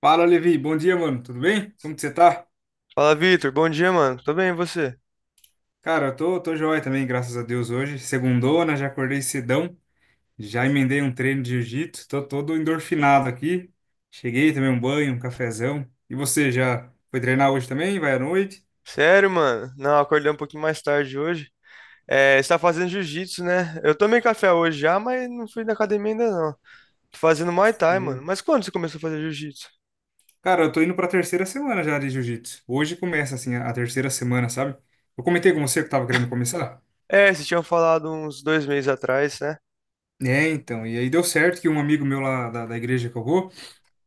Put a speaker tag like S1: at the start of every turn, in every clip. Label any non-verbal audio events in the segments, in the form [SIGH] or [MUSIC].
S1: Fala, Levi. Bom dia, mano. Tudo bem? Como que você tá?
S2: Fala, Vitor. Bom dia, mano. Tô bem, e você?
S1: Cara, eu tô joia também, graças a Deus, hoje. Segundona, já acordei cedão. Já emendei um treino de jiu-jitsu. Tô todo endorfinado aqui. Cheguei, tomei um banho, um cafezão. E você, já foi treinar hoje também? Vai à noite?
S2: Sério, mano? Não, acordei um pouquinho mais tarde hoje. É, você tá fazendo jiu-jitsu, né? Eu tomei café hoje já, mas não fui na academia ainda não. Tô fazendo Muay Thai, mano.
S1: Sei.
S2: Mas quando você começou a fazer jiu-jitsu?
S1: Cara, eu tô indo pra terceira semana já de jiu-jitsu. Hoje começa, assim, a terceira semana, sabe? Eu comentei com você que eu tava querendo começar?
S2: É, vocês tinham falado uns dois meses atrás, né?
S1: É, então. E aí deu certo que um amigo meu lá da igreja que eu vou.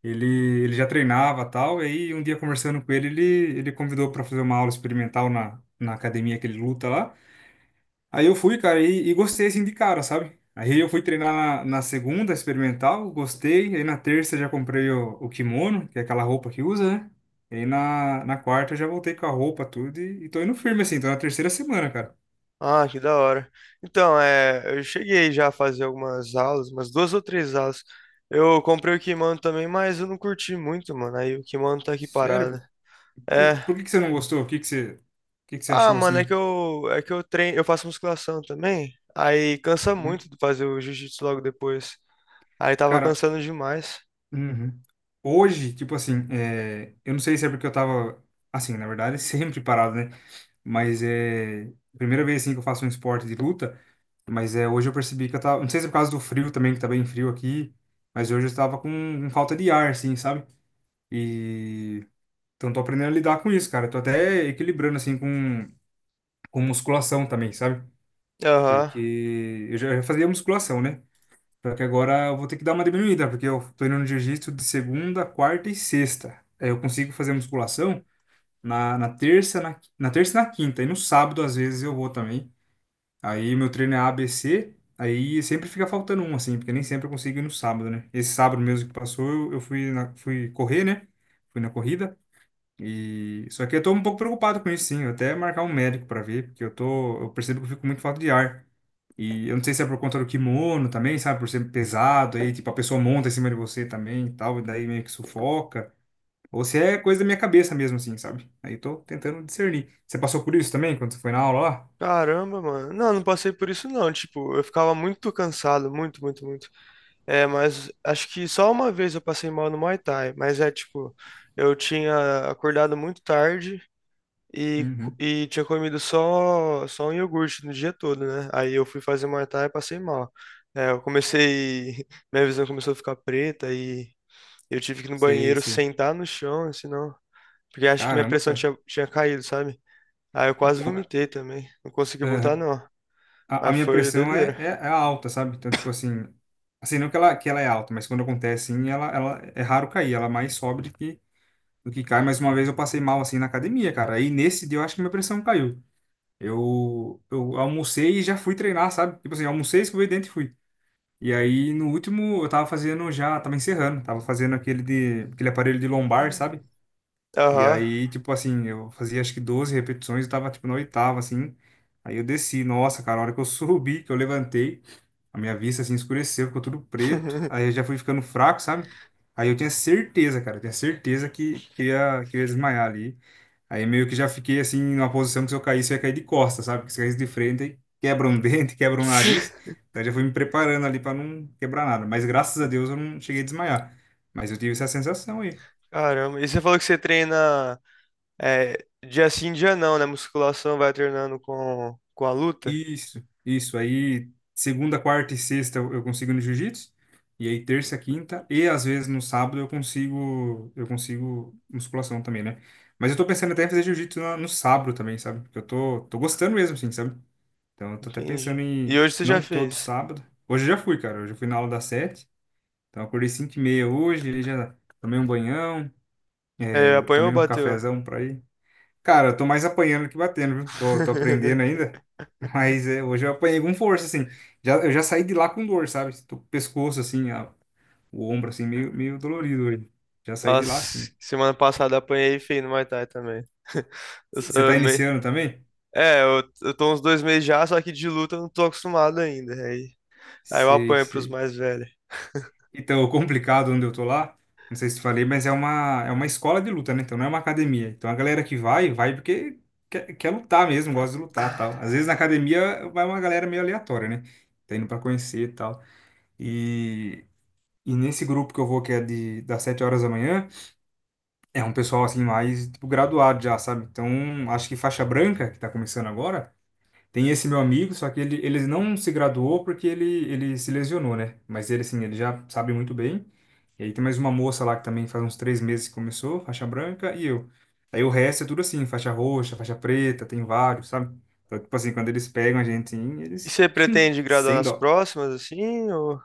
S1: Ele, ele já treinava tal, e aí um dia conversando com ele convidou para fazer uma aula experimental na academia que ele luta lá. Aí eu fui, cara, e gostei assim de cara, sabe? Aí eu fui treinar na segunda experimental, gostei. Aí na terça já comprei o kimono, que é aquela roupa que usa, né? E aí na quarta eu já voltei com a roupa, tudo, e tô indo firme assim, tô na terceira semana, cara.
S2: Ah, que da hora. Então, eu cheguei já a fazer algumas aulas, umas duas ou três aulas. Eu comprei o kimono também, mas eu não curti muito, mano. Aí o kimono tá aqui
S1: Sério?
S2: parado.
S1: E
S2: É.
S1: por que que você não gostou? O que que você
S2: Ah,
S1: achou
S2: mano, é
S1: assim?
S2: que eu, é que eu treino, eu faço musculação também. Aí cansa
S1: Hum?
S2: muito de fazer o jiu-jitsu logo depois. Aí tava
S1: Cara.
S2: cansando demais.
S1: Uhum. Hoje, tipo assim, eu não sei se é porque eu tava, assim, na verdade, [LAUGHS] sempre parado, né? Mas é primeira vez, assim, que eu faço um esporte de luta, mas hoje eu percebi que eu tava, não sei se é por causa do frio também, que tá bem frio aqui, mas hoje eu tava com falta de ar, assim, sabe? E, então tô aprendendo a lidar com isso, cara. Tô até equilibrando, assim, com musculação também, sabe?
S2: Aham.
S1: Porque eu já fazia musculação, né? Só que agora eu vou ter que dar uma diminuída, porque eu tô indo no jiu-jitsu de segunda, quarta e sexta. Aí eu consigo fazer musculação na terça, na terça e na quinta. E no sábado, às vezes, eu vou também. Aí meu treino é ABC, aí sempre fica faltando um, assim, porque nem sempre eu consigo ir no sábado, né? Esse sábado mesmo que passou, eu fui, fui correr, né? Fui na corrida. E só que eu tô um pouco preocupado com isso, sim. Eu até marcar um médico para ver, porque eu percebo que eu fico muito falta de ar. E eu não sei se é por conta do kimono também, sabe, por ser pesado, aí tipo a pessoa monta em cima de você também, e tal, e daí meio que sufoca, ou se é coisa da minha cabeça mesmo assim, sabe? Aí eu tô tentando discernir. Você passou por isso também quando você foi na aula lá?
S2: Caramba, mano. Não, não passei por isso não. Tipo, eu ficava muito cansado, muito, muito, muito. É, mas acho que só uma vez eu passei mal no Muay Thai, mas é tipo, eu tinha acordado muito tarde e, co-
S1: Uhum.
S2: e tinha comido só, só um iogurte no dia todo, né? Aí eu fui fazer Muay Thai e passei mal. É, eu comecei, [LAUGHS] minha visão começou a ficar preta e eu tive que ir no
S1: Sei,
S2: banheiro
S1: sei.
S2: sentar no chão, senão, porque acho que minha
S1: Caramba,
S2: pressão
S1: cara.
S2: tinha caído, sabe? Aí eu quase
S1: Então,
S2: vomitei também, não consegui voltar não.
S1: a
S2: Mas
S1: minha
S2: foi
S1: pressão é,
S2: doideira.
S1: é, é alta, sabe? Então, tipo assim, não que ela é alta, mas quando acontece, assim, ela é raro cair, ela mais sobe do que cai. Mas uma vez eu passei mal, assim, na academia, cara. Aí nesse dia eu acho que minha pressão caiu. Eu almocei e já fui treinar, sabe? Tipo assim, almocei, escovei o dente e fui. E aí, no último, eu tava fazendo já, tava encerrando, tava fazendo aquele aparelho de lombar, sabe? E
S2: Aham.
S1: aí, tipo assim, eu fazia acho que 12 repetições, eu tava tipo na oitava, assim. Aí eu desci, nossa, cara, a hora que eu [LAUGHS] subi, que eu levantei, a minha vista assim escureceu, ficou tudo preto. Aí eu
S2: [LAUGHS]
S1: já fui ficando fraco, sabe? Aí eu tinha certeza, cara, eu tinha certeza que eu ia desmaiar ali. Aí meio que já fiquei assim, numa posição que se eu caísse, eu ia cair de costas, sabe? Porque se eu caísse de frente, aí quebra um [LAUGHS] dente, quebra um nariz. Então eu já fui me preparando ali pra não quebrar nada. Mas graças a Deus eu não cheguei a desmaiar. Mas eu tive essa sensação aí.
S2: Caramba, e você falou que você treina é, dia sim, dia não, né? Musculação vai treinando com a luta?
S1: Isso, isso. Aí, segunda, quarta e sexta eu consigo no jiu-jitsu. E aí, terça, quinta e às vezes no sábado eu consigo musculação também, né? Mas eu tô pensando até em fazer jiu-jitsu no sábado também, sabe? Porque eu tô gostando mesmo, assim, sabe? Então, eu tô até
S2: Entendi.
S1: pensando
S2: E
S1: em
S2: hoje você já
S1: não todo
S2: fez?
S1: sábado. Hoje eu já fui, cara. Hoje eu fui na aula das 7. Então, eu acordei 5:30 hoje. Ele já tomei um banhão,
S2: É, apanhou ou
S1: tomei um
S2: bateu?
S1: cafezão pra ir. Cara, eu tô mais apanhando que batendo, viu? Tô aprendendo
S2: [LAUGHS]
S1: ainda. [LAUGHS] Mas hoje eu apanhei com força, assim. Eu já saí de lá com dor, sabe? Tô com o pescoço, assim, o ombro, assim, meio dolorido hoje. Já saí de
S2: Nossa,
S1: lá, assim.
S2: semana passada apanhei feio no Muay Thai também. [LAUGHS] Eu sou
S1: Você tá
S2: meio...
S1: iniciando também?
S2: É, eu tô uns dois meses já, só que de luta eu não tô acostumado ainda. Aí, aí eu
S1: Sei,
S2: apanho pros
S1: sei.
S2: mais velhos.
S1: Então, [LAUGHS] o complicado onde eu tô lá, não sei se te falei, mas é uma escola de luta, né? Então não é uma academia. Então a galera que vai, vai porque quer lutar mesmo, gosta de lutar tal. Às vezes na academia vai uma galera meio aleatória, né? Tá indo pra conhecer e tal. E E nesse grupo que eu vou, que é das 7 horas da manhã, é um pessoal assim mais tipo, graduado já, sabe? Então, acho que faixa branca, que tá começando agora, tem esse meu amigo, só que ele não se graduou ele se lesionou, né? Mas ele, assim, ele já sabe muito bem. E aí tem mais uma moça lá que também faz uns 3 meses que começou, faixa branca, e eu. Aí o resto é tudo assim, faixa roxa, faixa preta, tem vários, sabe? Então, tipo assim, quando eles pegam a gente, assim,
S2: E
S1: eles
S2: você pretende graduar
S1: sem
S2: nas
S1: dó.
S2: próximas, assim?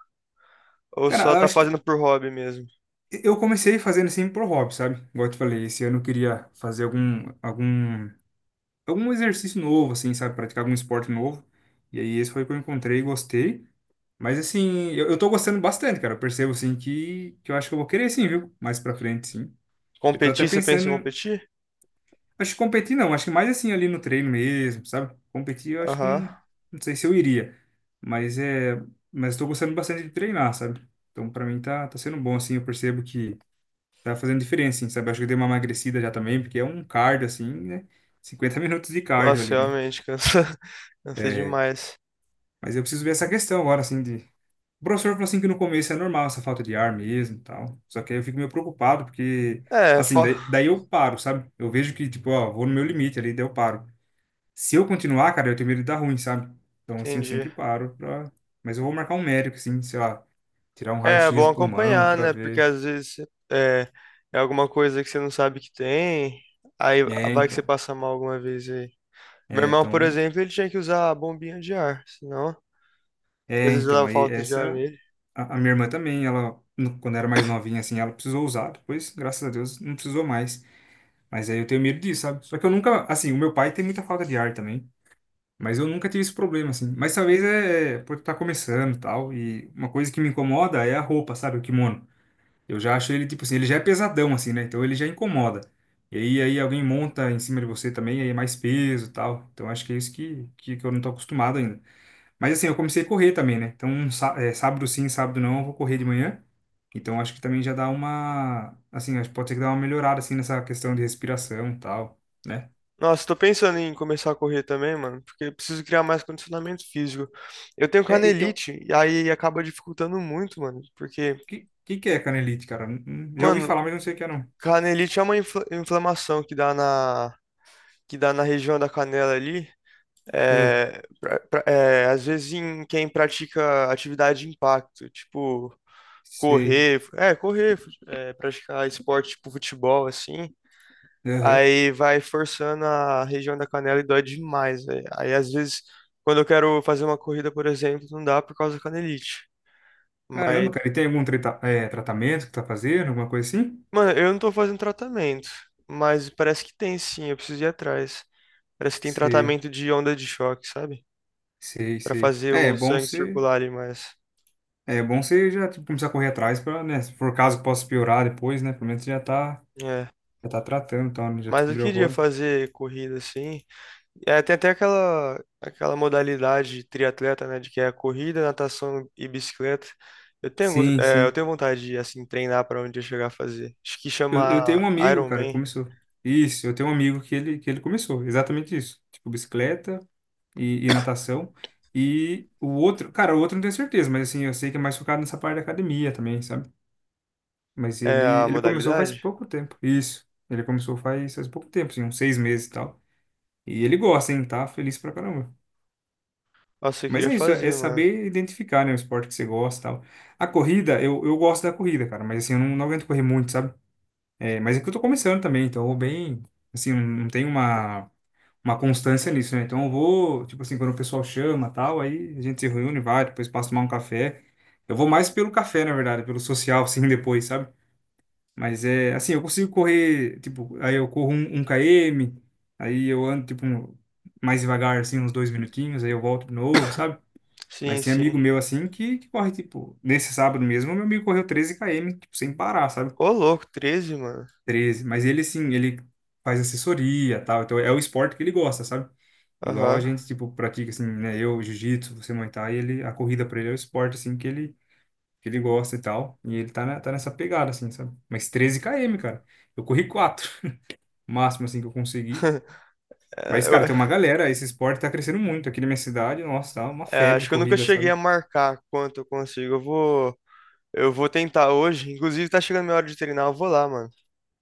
S2: Ou
S1: Cara,
S2: só
S1: eu
S2: tá
S1: acho.
S2: fazendo por hobby mesmo?
S1: Eu comecei fazendo assim pro hobby, sabe? Igual eu te falei, esse ano eu queria fazer algum exercício novo, assim, sabe? Praticar algum esporte novo. E aí esse foi o que eu encontrei e gostei. Mas assim, eu tô gostando bastante, cara. Eu percebo, assim, que eu acho que eu vou querer sim, viu? Mais pra frente, sim. Eu tô até
S2: Competir, você pensa em
S1: pensando,
S2: competir?
S1: acho que competir não, acho que mais assim ali no treino mesmo, sabe? Competir eu acho que não,
S2: Aham.
S1: não sei se eu iria. Mas é, mas tô gostando bastante de treinar, sabe? Então pra mim tá sendo bom, assim, eu percebo que tá fazendo diferença, assim, sabe? Acho que eu dei uma emagrecida já também, porque é um cardio, assim, né? 50 minutos de cardio
S2: Nossa,
S1: ali, né?
S2: realmente, cansa, [LAUGHS] cansa
S1: É,
S2: demais.
S1: mas eu preciso ver essa questão agora, assim, de... O professor falou assim que no começo é normal essa falta de ar mesmo e tal. Só que aí eu fico meio preocupado, porque,
S2: É,
S1: assim,
S2: fo...
S1: daí eu paro, sabe? Eu vejo que, tipo, ó, vou no meu limite ali, daí eu paro. Se eu continuar, cara, eu tenho medo de dar ruim, sabe? Então, assim, eu
S2: Entendi.
S1: sempre paro pra... Mas eu vou marcar um médico, assim, sei lá, tirar um
S2: É
S1: raio-x
S2: bom
S1: do pulmão
S2: acompanhar,
S1: pra
S2: né? Porque
S1: ver.
S2: às vezes é, é alguma coisa que você não sabe que tem, aí
S1: É,
S2: vai que você
S1: então.
S2: passa mal alguma vez aí. Meu
S1: É,
S2: irmão, por
S1: então.
S2: exemplo, ele tinha que usar a bombinha de ar, senão às
S1: É,
S2: vezes
S1: então.
S2: dava
S1: Aí
S2: falta de ar
S1: essa.
S2: nele.
S1: A minha irmã também, ela, quando era mais novinha, assim, ela precisou usar, depois, graças a Deus, não precisou mais. Mas aí eu tenho medo disso, sabe? Só que eu nunca, assim, o meu pai tem muita falta de ar também, mas eu nunca tive esse problema, assim. Mas talvez é por estar começando e tal, e uma coisa que me incomoda é a roupa, sabe? O kimono. Eu já acho ele, tipo assim, ele já é pesadão, assim, né? Então ele já incomoda. E aí alguém monta em cima de você também, aí é mais peso e tal. Então acho que é isso que eu não tô acostumado ainda. Mas assim, eu comecei a correr também, né? Então, sábado sim, sábado não, eu vou correr de manhã. Então, acho que também já dá uma, assim, acho que pode ser que dá uma melhorada, assim, nessa questão de respiração e tal, né?
S2: Nossa, tô pensando em começar a correr também, mano, porque eu preciso criar mais condicionamento físico. Eu tenho
S1: É, então, o
S2: canelite, e aí acaba dificultando muito, mano, porque,
S1: que que é canelite, cara? Já ouvi
S2: mano,
S1: falar, mas não sei o que é, não.
S2: canelite é uma inflamação que dá na região da canela ali,
S1: É,
S2: é, às vezes em quem pratica atividade de impacto, tipo
S1: sei.
S2: correr, correr, praticar esporte tipo futebol, assim,
S1: Aham.
S2: aí vai forçando a região da canela e dói demais, velho. Aí às vezes, quando eu quero fazer uma corrida, por exemplo, não dá por causa da canelite. Mas,
S1: Caramba, cara, e tem algum tratamento que tá fazendo, alguma coisa assim?
S2: mano, eu não tô fazendo tratamento, mas parece que tem sim, eu preciso ir atrás. Parece que tem
S1: Sei,
S2: tratamento de onda de choque, sabe?
S1: sei,
S2: Pra
S1: sei.
S2: fazer
S1: É, é
S2: o
S1: bom
S2: sangue
S1: você,
S2: circular ali mais.
S1: é bom você já, tipo, começar a correr atrás pra, né, se for caso que possa piorar depois, né, pelo menos você já tá.
S2: É.
S1: Já tá tratando, tá? Né? Já
S2: Mas eu
S1: descobriu
S2: queria
S1: agora.
S2: fazer corrida assim. É, tem até aquela, aquela modalidade de triatleta, né? De que é corrida, natação e bicicleta.
S1: Sim,
S2: Eu
S1: sim.
S2: tenho vontade de assim, treinar para onde eu chegar a fazer. Acho que
S1: Eu,
S2: chama
S1: eu tenho um amigo, cara, que
S2: Ironman
S1: começou. Isso, eu tenho um amigo que ele começou. Exatamente isso. Tipo, bicicleta e natação. E o outro, cara, o outro não tenho certeza, mas assim, eu sei que é mais focado nessa parte da academia também, sabe? Mas
S2: é
S1: ele,
S2: a
S1: ele começou faz
S2: modalidade.
S1: pouco tempo. Isso. Ele começou faz pouco tempo, assim, uns 6 meses e tal. E ele gosta, hein? Tá feliz pra caramba.
S2: Nossa, eu
S1: Mas
S2: queria
S1: é isso, é
S2: fazer, mano.
S1: saber identificar, né, o esporte que você gosta e tal. A corrida, eu gosto da corrida, cara, mas assim, eu não aguento correr muito, sabe? É, mas é que eu tô começando também, então eu vou bem, assim, não tem uma constância nisso, né? Então eu vou, tipo assim, quando o pessoal chama, tal, aí a gente se reúne, vai, depois passa a tomar um café. Eu vou mais pelo café, na verdade, pelo social, assim, [LAUGHS] depois, sabe? Mas é, assim, eu consigo correr, tipo, aí eu corro um km, aí eu ando, tipo, mais devagar, assim, uns 2 minutinhos, aí eu volto de novo, sabe?
S2: Sim,
S1: Mas tem
S2: sim.
S1: amigo meu, assim, que corre, tipo, nesse sábado mesmo, meu amigo correu 13 km, tipo, sem parar, sabe?
S2: Ô, louco, 13 mano.
S1: Mas ele, sim, ele faz assessoria, e tal. Então, é o esporte que ele gosta, sabe? Igual a
S2: Aham.
S1: gente, tipo, pratica, assim, né? Eu, jiu-jitsu, você, Muay Thai, ele, a corrida pra ele é o esporte, assim, que ele gosta e tal. E ele tá nessa pegada, assim, sabe? Mas 13 km, cara. Eu corri 4, [LAUGHS] máximo, assim, que eu consegui. Mas,
S2: É, eu-
S1: cara, tem uma
S2: [LAUGHS]
S1: galera, esse esporte tá crescendo muito aqui na minha cidade. Nossa, tá uma
S2: é,
S1: febre
S2: acho
S1: de
S2: que eu nunca
S1: corrida,
S2: cheguei
S1: sabe?
S2: a marcar quanto eu consigo. Eu vou tentar hoje. Inclusive, tá chegando minha hora de treinar. Eu vou lá, mano.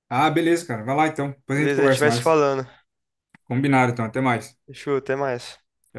S1: Ah, beleza, cara. Vai lá, então. Depois a gente
S2: Beleza, a gente
S1: conversa
S2: vai se
S1: mais.
S2: falando.
S1: Combinado, então. Até mais.
S2: Fechou, até mais.
S1: Tchau.